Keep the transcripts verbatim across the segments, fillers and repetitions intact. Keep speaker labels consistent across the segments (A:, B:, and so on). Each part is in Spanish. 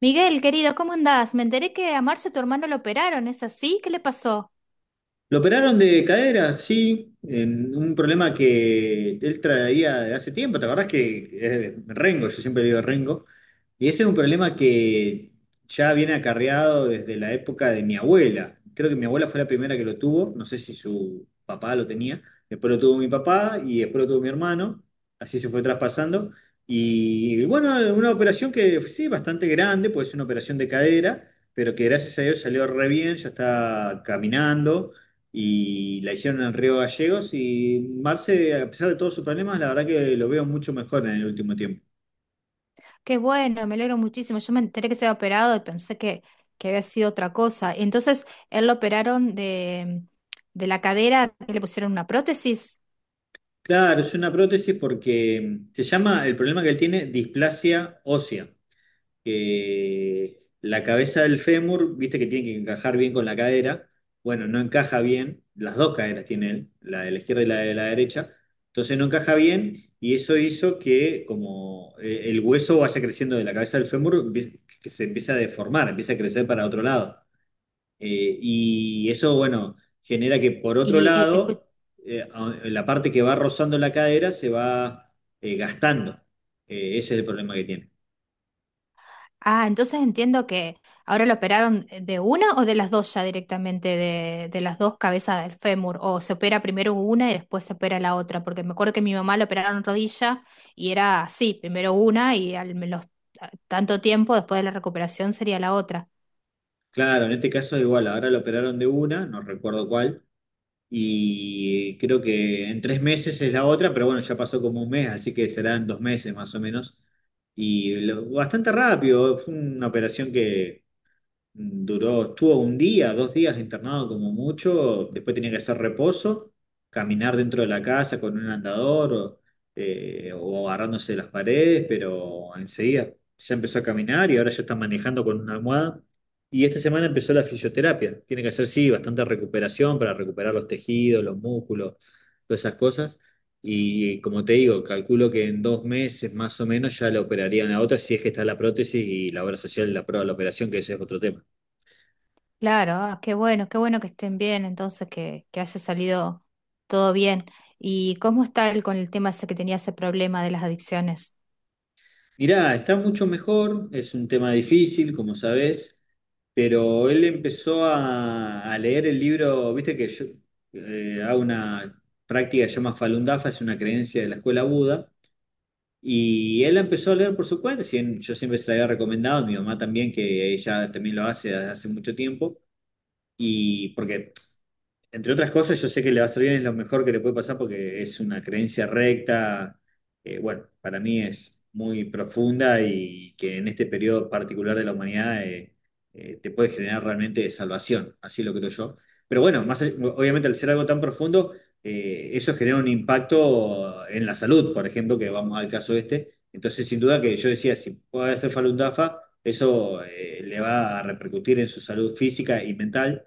A: Miguel, querido, ¿cómo andás? Me enteré que a Marce, tu hermano, lo operaron. ¿Es así? ¿Qué le pasó?
B: Lo operaron de cadera, sí, en un problema que él traía de hace tiempo, ¿te acordás que es Rengo? Yo siempre digo Rengo, y ese es un problema que ya viene acarreado desde la época de mi abuela. Creo que mi abuela fue la primera que lo tuvo, no sé si su papá lo tenía, después lo tuvo mi papá y después lo tuvo mi hermano, así se fue traspasando. Y bueno, una operación que sí, bastante grande, pues es una operación de cadera pero que gracias a Dios salió re bien, ya está caminando y la hicieron en Río Gallegos y Marce, a pesar de todos sus problemas, la verdad que lo veo mucho mejor en el último tiempo.
A: Qué bueno, me alegro muchísimo. Yo me enteré que se había operado y pensé que, que había sido otra cosa. Y entonces, él lo operaron de, de la cadera, que le pusieron una prótesis.
B: Claro, es una prótesis porque se llama, el problema que él tiene, displasia ósea, que la cabeza del fémur, viste que tiene que encajar bien con la cadera, bueno, no encaja bien, las dos caderas tiene él, la de la izquierda y la de la derecha, entonces no encaja bien y eso hizo que como eh, el hueso vaya creciendo de la cabeza del fémur, empie- que se empieza a deformar, empieza a crecer para otro lado. Eh, y eso, bueno, genera que por otro
A: Y eh, escu-
B: lado, eh, a- la parte que va rozando la cadera se va eh, gastando. Eh, ese es el problema que tiene.
A: Ah, entonces entiendo que ahora lo operaron de una o de las dos ya directamente, de, de las dos cabezas del fémur, o se opera primero una y después se opera la otra, porque me acuerdo que mi mamá lo operaron rodilla y era así, primero una y al menos tanto tiempo después de la recuperación sería la otra.
B: Claro, en este caso es igual, ahora lo operaron de una, no recuerdo cuál, y creo que en tres meses es la otra, pero bueno, ya pasó como un mes, así que será en dos meses más o menos. Y lo- bastante rápido, fue una operación que duró, estuvo un día, dos días internado como mucho, después tenía que hacer reposo, caminar dentro de la casa con un andador o, eh, o agarrándose de las paredes, pero enseguida ya empezó a caminar y ahora ya está manejando con una almohada. Y esta semana empezó la fisioterapia. Tiene que hacer, sí, bastante recuperación para recuperar los tejidos, los músculos, todas esas cosas. Y como te digo, calculo que en dos meses más o menos ya la operarían la otra, si es que está la prótesis y la obra social la prueba de la operación, que ese es otro tema.
A: Claro, ah, qué bueno, qué bueno que estén bien, entonces que, que haya salido todo bien. ¿Y cómo está él con el tema ese que tenía ese problema de las adicciones?
B: Mirá, está mucho mejor, es un tema difícil, como sabés, pero él empezó a, a leer el libro, viste que yo eh, hago una práctica que se llama Falun Dafa, es una creencia de la escuela Buda, y él la empezó a leer por su cuenta, si bien yo siempre se la había recomendado, mi mamá también, que ella también lo hace desde hace mucho tiempo, y porque entre otras cosas, yo sé que le va a salir bien, es lo mejor que le puede pasar porque es una creencia recta, eh, bueno, para mí es muy profunda y que en este periodo particular de la humanidad eh, eh, te puede generar realmente salvación, así lo creo yo. Pero bueno, más, allá- obviamente al ser algo tan profundo, eh, eso genera un impacto en la salud, por ejemplo, que vamos al caso este. Entonces, sin duda que yo decía, si puede hacer Falun Dafa, eso eh, le va a repercutir en su salud física y mental.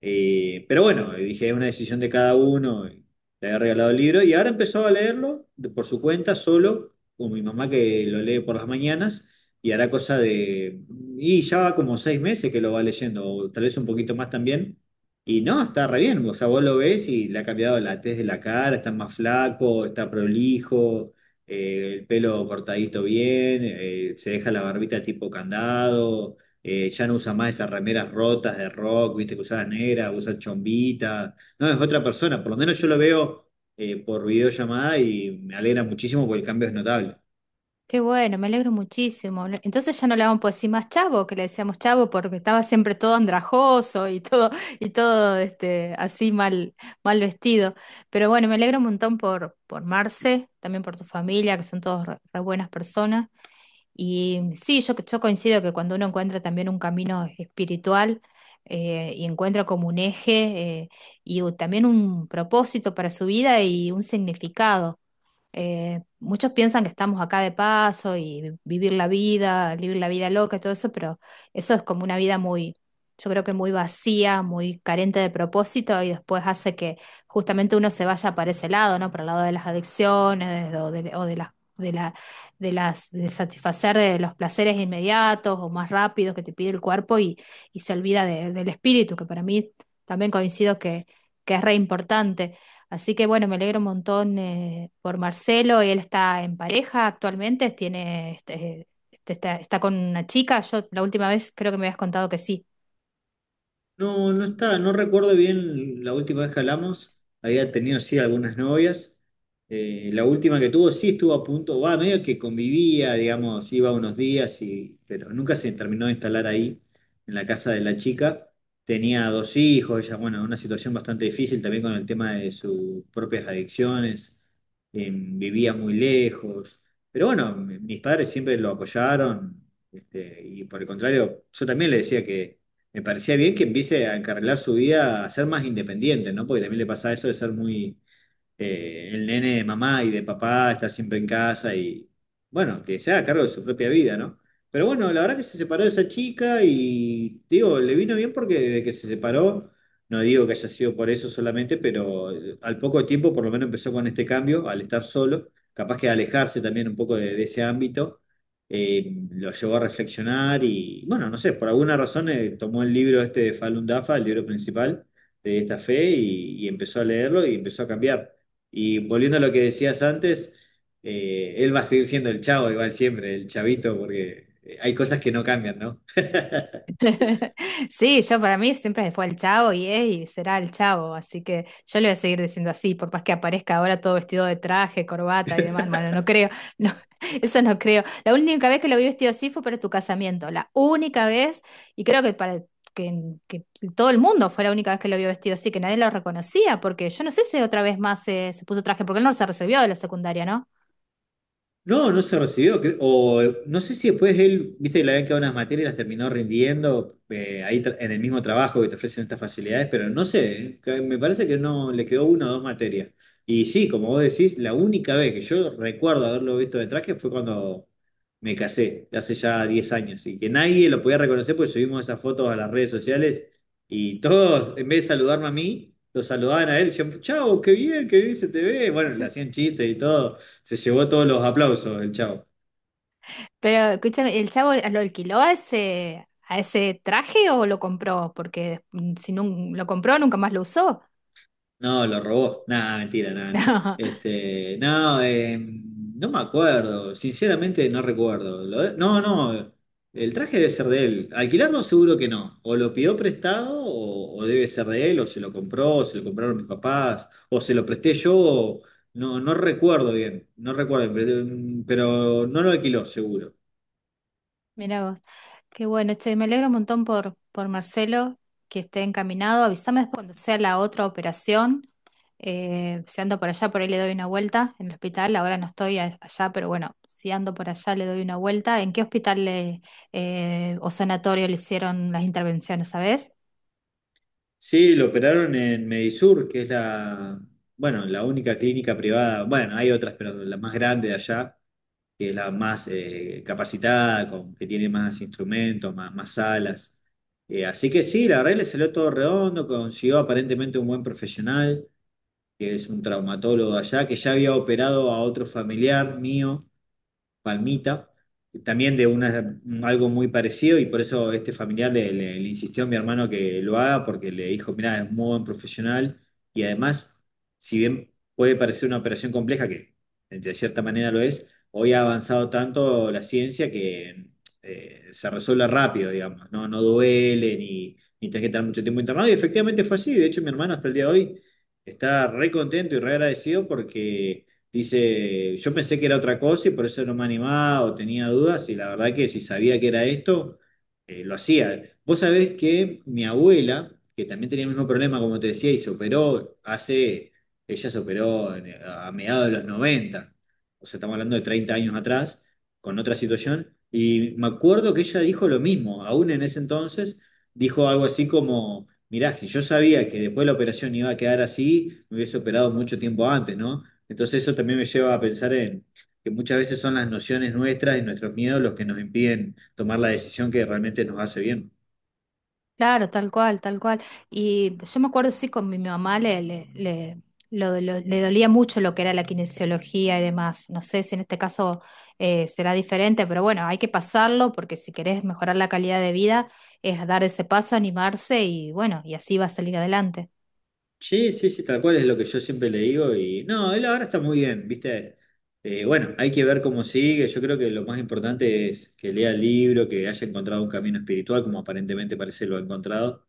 B: Eh, pero bueno, dije, es una decisión de cada uno, y le había regalado el libro y ahora empezó a leerlo de- por su cuenta, solo, con mi mamá que lo lee por las mañanas, y hará cosa de, y ya va como seis meses que lo va leyendo, o tal vez un poquito más también, y no, está re bien, o sea, vos lo ves y le ha cambiado la tez de la cara, está más flaco, está prolijo, eh, el pelo cortadito bien, eh, se deja la barbita tipo candado. Eh, ya no usa más esas remeras rotas de rock, viste, que usaba negra, usa chombita. No, es otra persona. Por lo menos yo lo veo eh, por videollamada y me alegra muchísimo porque el cambio es notable.
A: Qué bueno, me alegro muchísimo. No, entonces ya no le vamos a decir más chavo, que le decíamos chavo porque estaba siempre todo andrajoso y todo y todo este así mal mal vestido. Pero bueno, me alegro un montón por por Marce, también por tu familia, que son todos re, re buenas personas. Y sí, yo yo coincido que cuando uno encuentra también un camino espiritual eh, y encuentra como un eje eh, y u- también un propósito para su vida y un significado. Eh, muchos piensan que estamos acá de paso y vi- vivir la vida, vivir la vida loca y todo eso, pero eso es como una vida muy, yo creo que muy vacía, muy carente de propósito y después hace que justamente uno se vaya para ese lado, ¿no? Para el lado de las adicciones o de, o de las... De la, de las, de satisfacer de los placeres inmediatos o más rápidos que te pide el cuerpo y, y se olvida de- del espíritu, que para mí también coincido que, que es re importante. Así que bueno, me alegro un montón eh, por Marcelo. Él está en pareja actualmente, tiene, este, este- está, está con una chica. Yo la última vez creo que me habías contado que sí.
B: No, no está, no recuerdo bien la última vez que hablamos. Había tenido sí algunas novias. Eh, la última que tuvo sí estuvo a punto, va, medio que convivía, digamos, iba unos días y, pero nunca se terminó de instalar ahí en la casa de la chica. Tenía dos hijos, ella, bueno, una situación bastante difícil también con el tema de sus propias adicciones. Eh, vivía muy lejos. Pero bueno, mi- mis padres siempre lo apoyaron, este, y por el contrario, yo también le decía que me parecía bien que empiece a encarrilar su vida a ser más independiente, ¿no? Porque también le pasa eso de ser muy eh, el nene de mamá y de papá, está siempre en casa y, bueno, que se haga cargo de su propia vida, ¿no? Pero bueno, la verdad que se separó de esa chica y, digo, le vino bien porque desde que se separó, no digo que haya sido por eso solamente, pero eh, al poco tiempo por lo menos empezó con este cambio, al estar solo, capaz que alejarse también un poco de, de ese ámbito. eh, lo llevó a reflexionar y, bueno, no sé, por alguna razón eh, tomó el libro este de Falun Dafa, el libro principal de esta fe, y y empezó a leerlo y empezó a cambiar. Y volviendo a lo que decías antes, eh, él va a seguir siendo el chavo igual siempre, el chavito, porque eh, hay cosas que no cambian, ¿no?
A: Sí, yo para mí siempre fue el Chavo y es y será el Chavo, así que yo le voy a seguir diciendo así, por más que aparezca ahora todo vestido de traje, corbata y demás. Bueno, no creo, no, eso no creo. La única vez que lo vi vestido así fue para tu casamiento, la única vez, y creo que para que, que todo el mundo fue la única vez que lo vio vestido así, que nadie lo reconocía, porque yo no sé si otra vez más se, se puso traje, porque él no se resolvió de la secundaria, ¿no?
B: No, no se recibió. Cre- O eh, no sé si después él, viste que le habían quedado unas materias, las terminó rindiendo eh, ahí tra- en el mismo trabajo que te ofrecen estas facilidades, pero no sé, eh, que me parece que no le quedó una o dos materias. Y sí, como vos decís, la única vez que yo recuerdo haberlo visto de traje fue cuando me casé, hace ya diez años, y que nadie lo podía reconocer porque subimos esas fotos a las redes sociales y todos, en vez de saludarme a mí, lo saludaban a él, decían, chao, qué bien, qué bien se te ve. Bueno, le hacían chistes y todo. Se llevó todos los aplausos el chavo.
A: Pero escúchame, ¿el chavo lo alquiló a ese, a ese traje o lo compró? Porque mm, si no lo compró, nunca más lo usó.
B: No, lo robó. Nada, mentira, nada, no.
A: No,
B: Este, no, eh, no me acuerdo. Sinceramente no recuerdo. Lo de- no, no. El traje debe ser de él. Alquilarlo seguro que no. O lo pidió prestado o, o debe ser de él, o se lo compró, o se lo compraron mis papás, o se lo presté yo. O- no, no recuerdo bien. No recuerdo bien, pero pero no lo alquiló seguro.
A: mira vos. Qué bueno, che, me alegro un montón por, por Marcelo que esté encaminado. Avísame después cuando sea la otra operación. Eh, si ando por allá, por ahí le doy una vuelta en el hospital. Ahora no estoy a- allá, pero bueno, si ando por allá le doy una vuelta. ¿En qué hospital le- eh, o sanatorio le hicieron las intervenciones, sabes?
B: Sí, lo operaron en Medisur, que es la, bueno, la única clínica privada, bueno, hay otras, pero la más grande de allá, que es la más eh, capacitada, con, que tiene más instrumentos, más, más salas. Eh, así que sí, la verdad le salió todo redondo, consiguió aparentemente un buen profesional, que es un traumatólogo allá, que ya había operado a otro familiar mío, Palmita, también de una, algo muy parecido y por eso este familiar le, le- le insistió a mi hermano que lo haga porque le dijo, mira, es muy buen profesional y además, si bien puede parecer una operación compleja, que de cierta manera lo es, hoy ha avanzado tanto la ciencia que eh, se resuelve rápido, digamos, no, no duele ni, ni tenés que estar mucho tiempo internado y efectivamente fue así, de hecho mi hermano hasta el día de hoy está re contento y re agradecido porque dice, yo pensé que era otra cosa y por eso no me animaba o tenía dudas y la verdad que si sabía que era esto, eh, lo hacía. Vos sabés que mi abuela, que también tenía el mismo problema, como te decía, y se operó hace, ella se operó en- a mediados de los noventa, o sea, estamos hablando de treinta años atrás, con otra situación, y me acuerdo que ella dijo lo mismo, aún en ese entonces, dijo algo así como, mirá, si yo sabía que después de la operación iba a quedar así, me hubiese operado mucho tiempo antes, ¿no? Entonces eso también me lleva a pensar en que muchas veces son las nociones nuestras y nuestros miedos los que nos impiden tomar la decisión que realmente nos hace bien.
A: Claro, tal cual, tal cual. Y yo me acuerdo, sí, con mi mamá le, le, le, lo- lo- le dolía mucho lo que era la kinesiología y demás. No sé si en este caso eh, será diferente, pero bueno, hay que pasarlo porque si querés mejorar la calidad de vida es dar ese paso, animarse y bueno, y así va a salir adelante.
B: Sí, sí, sí, tal cual es lo que yo siempre le digo y no, él ahora está muy bien, ¿viste? Eh, bueno, hay que ver cómo sigue, yo creo que lo más importante es que lea el libro, que haya encontrado un camino espiritual, como aparentemente parece lo ha encontrado,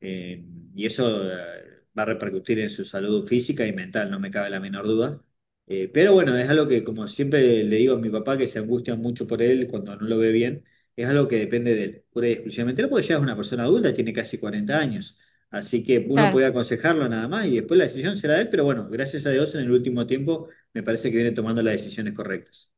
B: eh, y eso eh, va a repercutir en su salud física y mental, no me cabe la menor duda. Eh, pero bueno, es algo que como siempre le digo a mi papá, que se angustia mucho por él cuando no lo ve bien, es algo que depende de él, pura y exclusivamente. Él porque ya es una persona adulta, tiene casi cuarenta años. Así que uno
A: Claro,
B: puede aconsejarlo nada más y después la decisión será de él, pero bueno, gracias a Dios en el último tiempo me parece que viene tomando las decisiones correctas.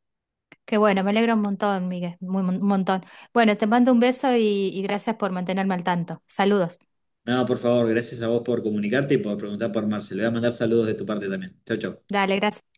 A: qué bueno, me alegro un montón, Miguel, muy, un montón. Bueno, te mando un beso y, y gracias por mantenerme al tanto. Saludos.
B: Nada, por favor, gracias a vos por comunicarte y por preguntar por Marcel. Le voy a mandar saludos de tu parte también. Chau, chau.
A: Dale, gracias.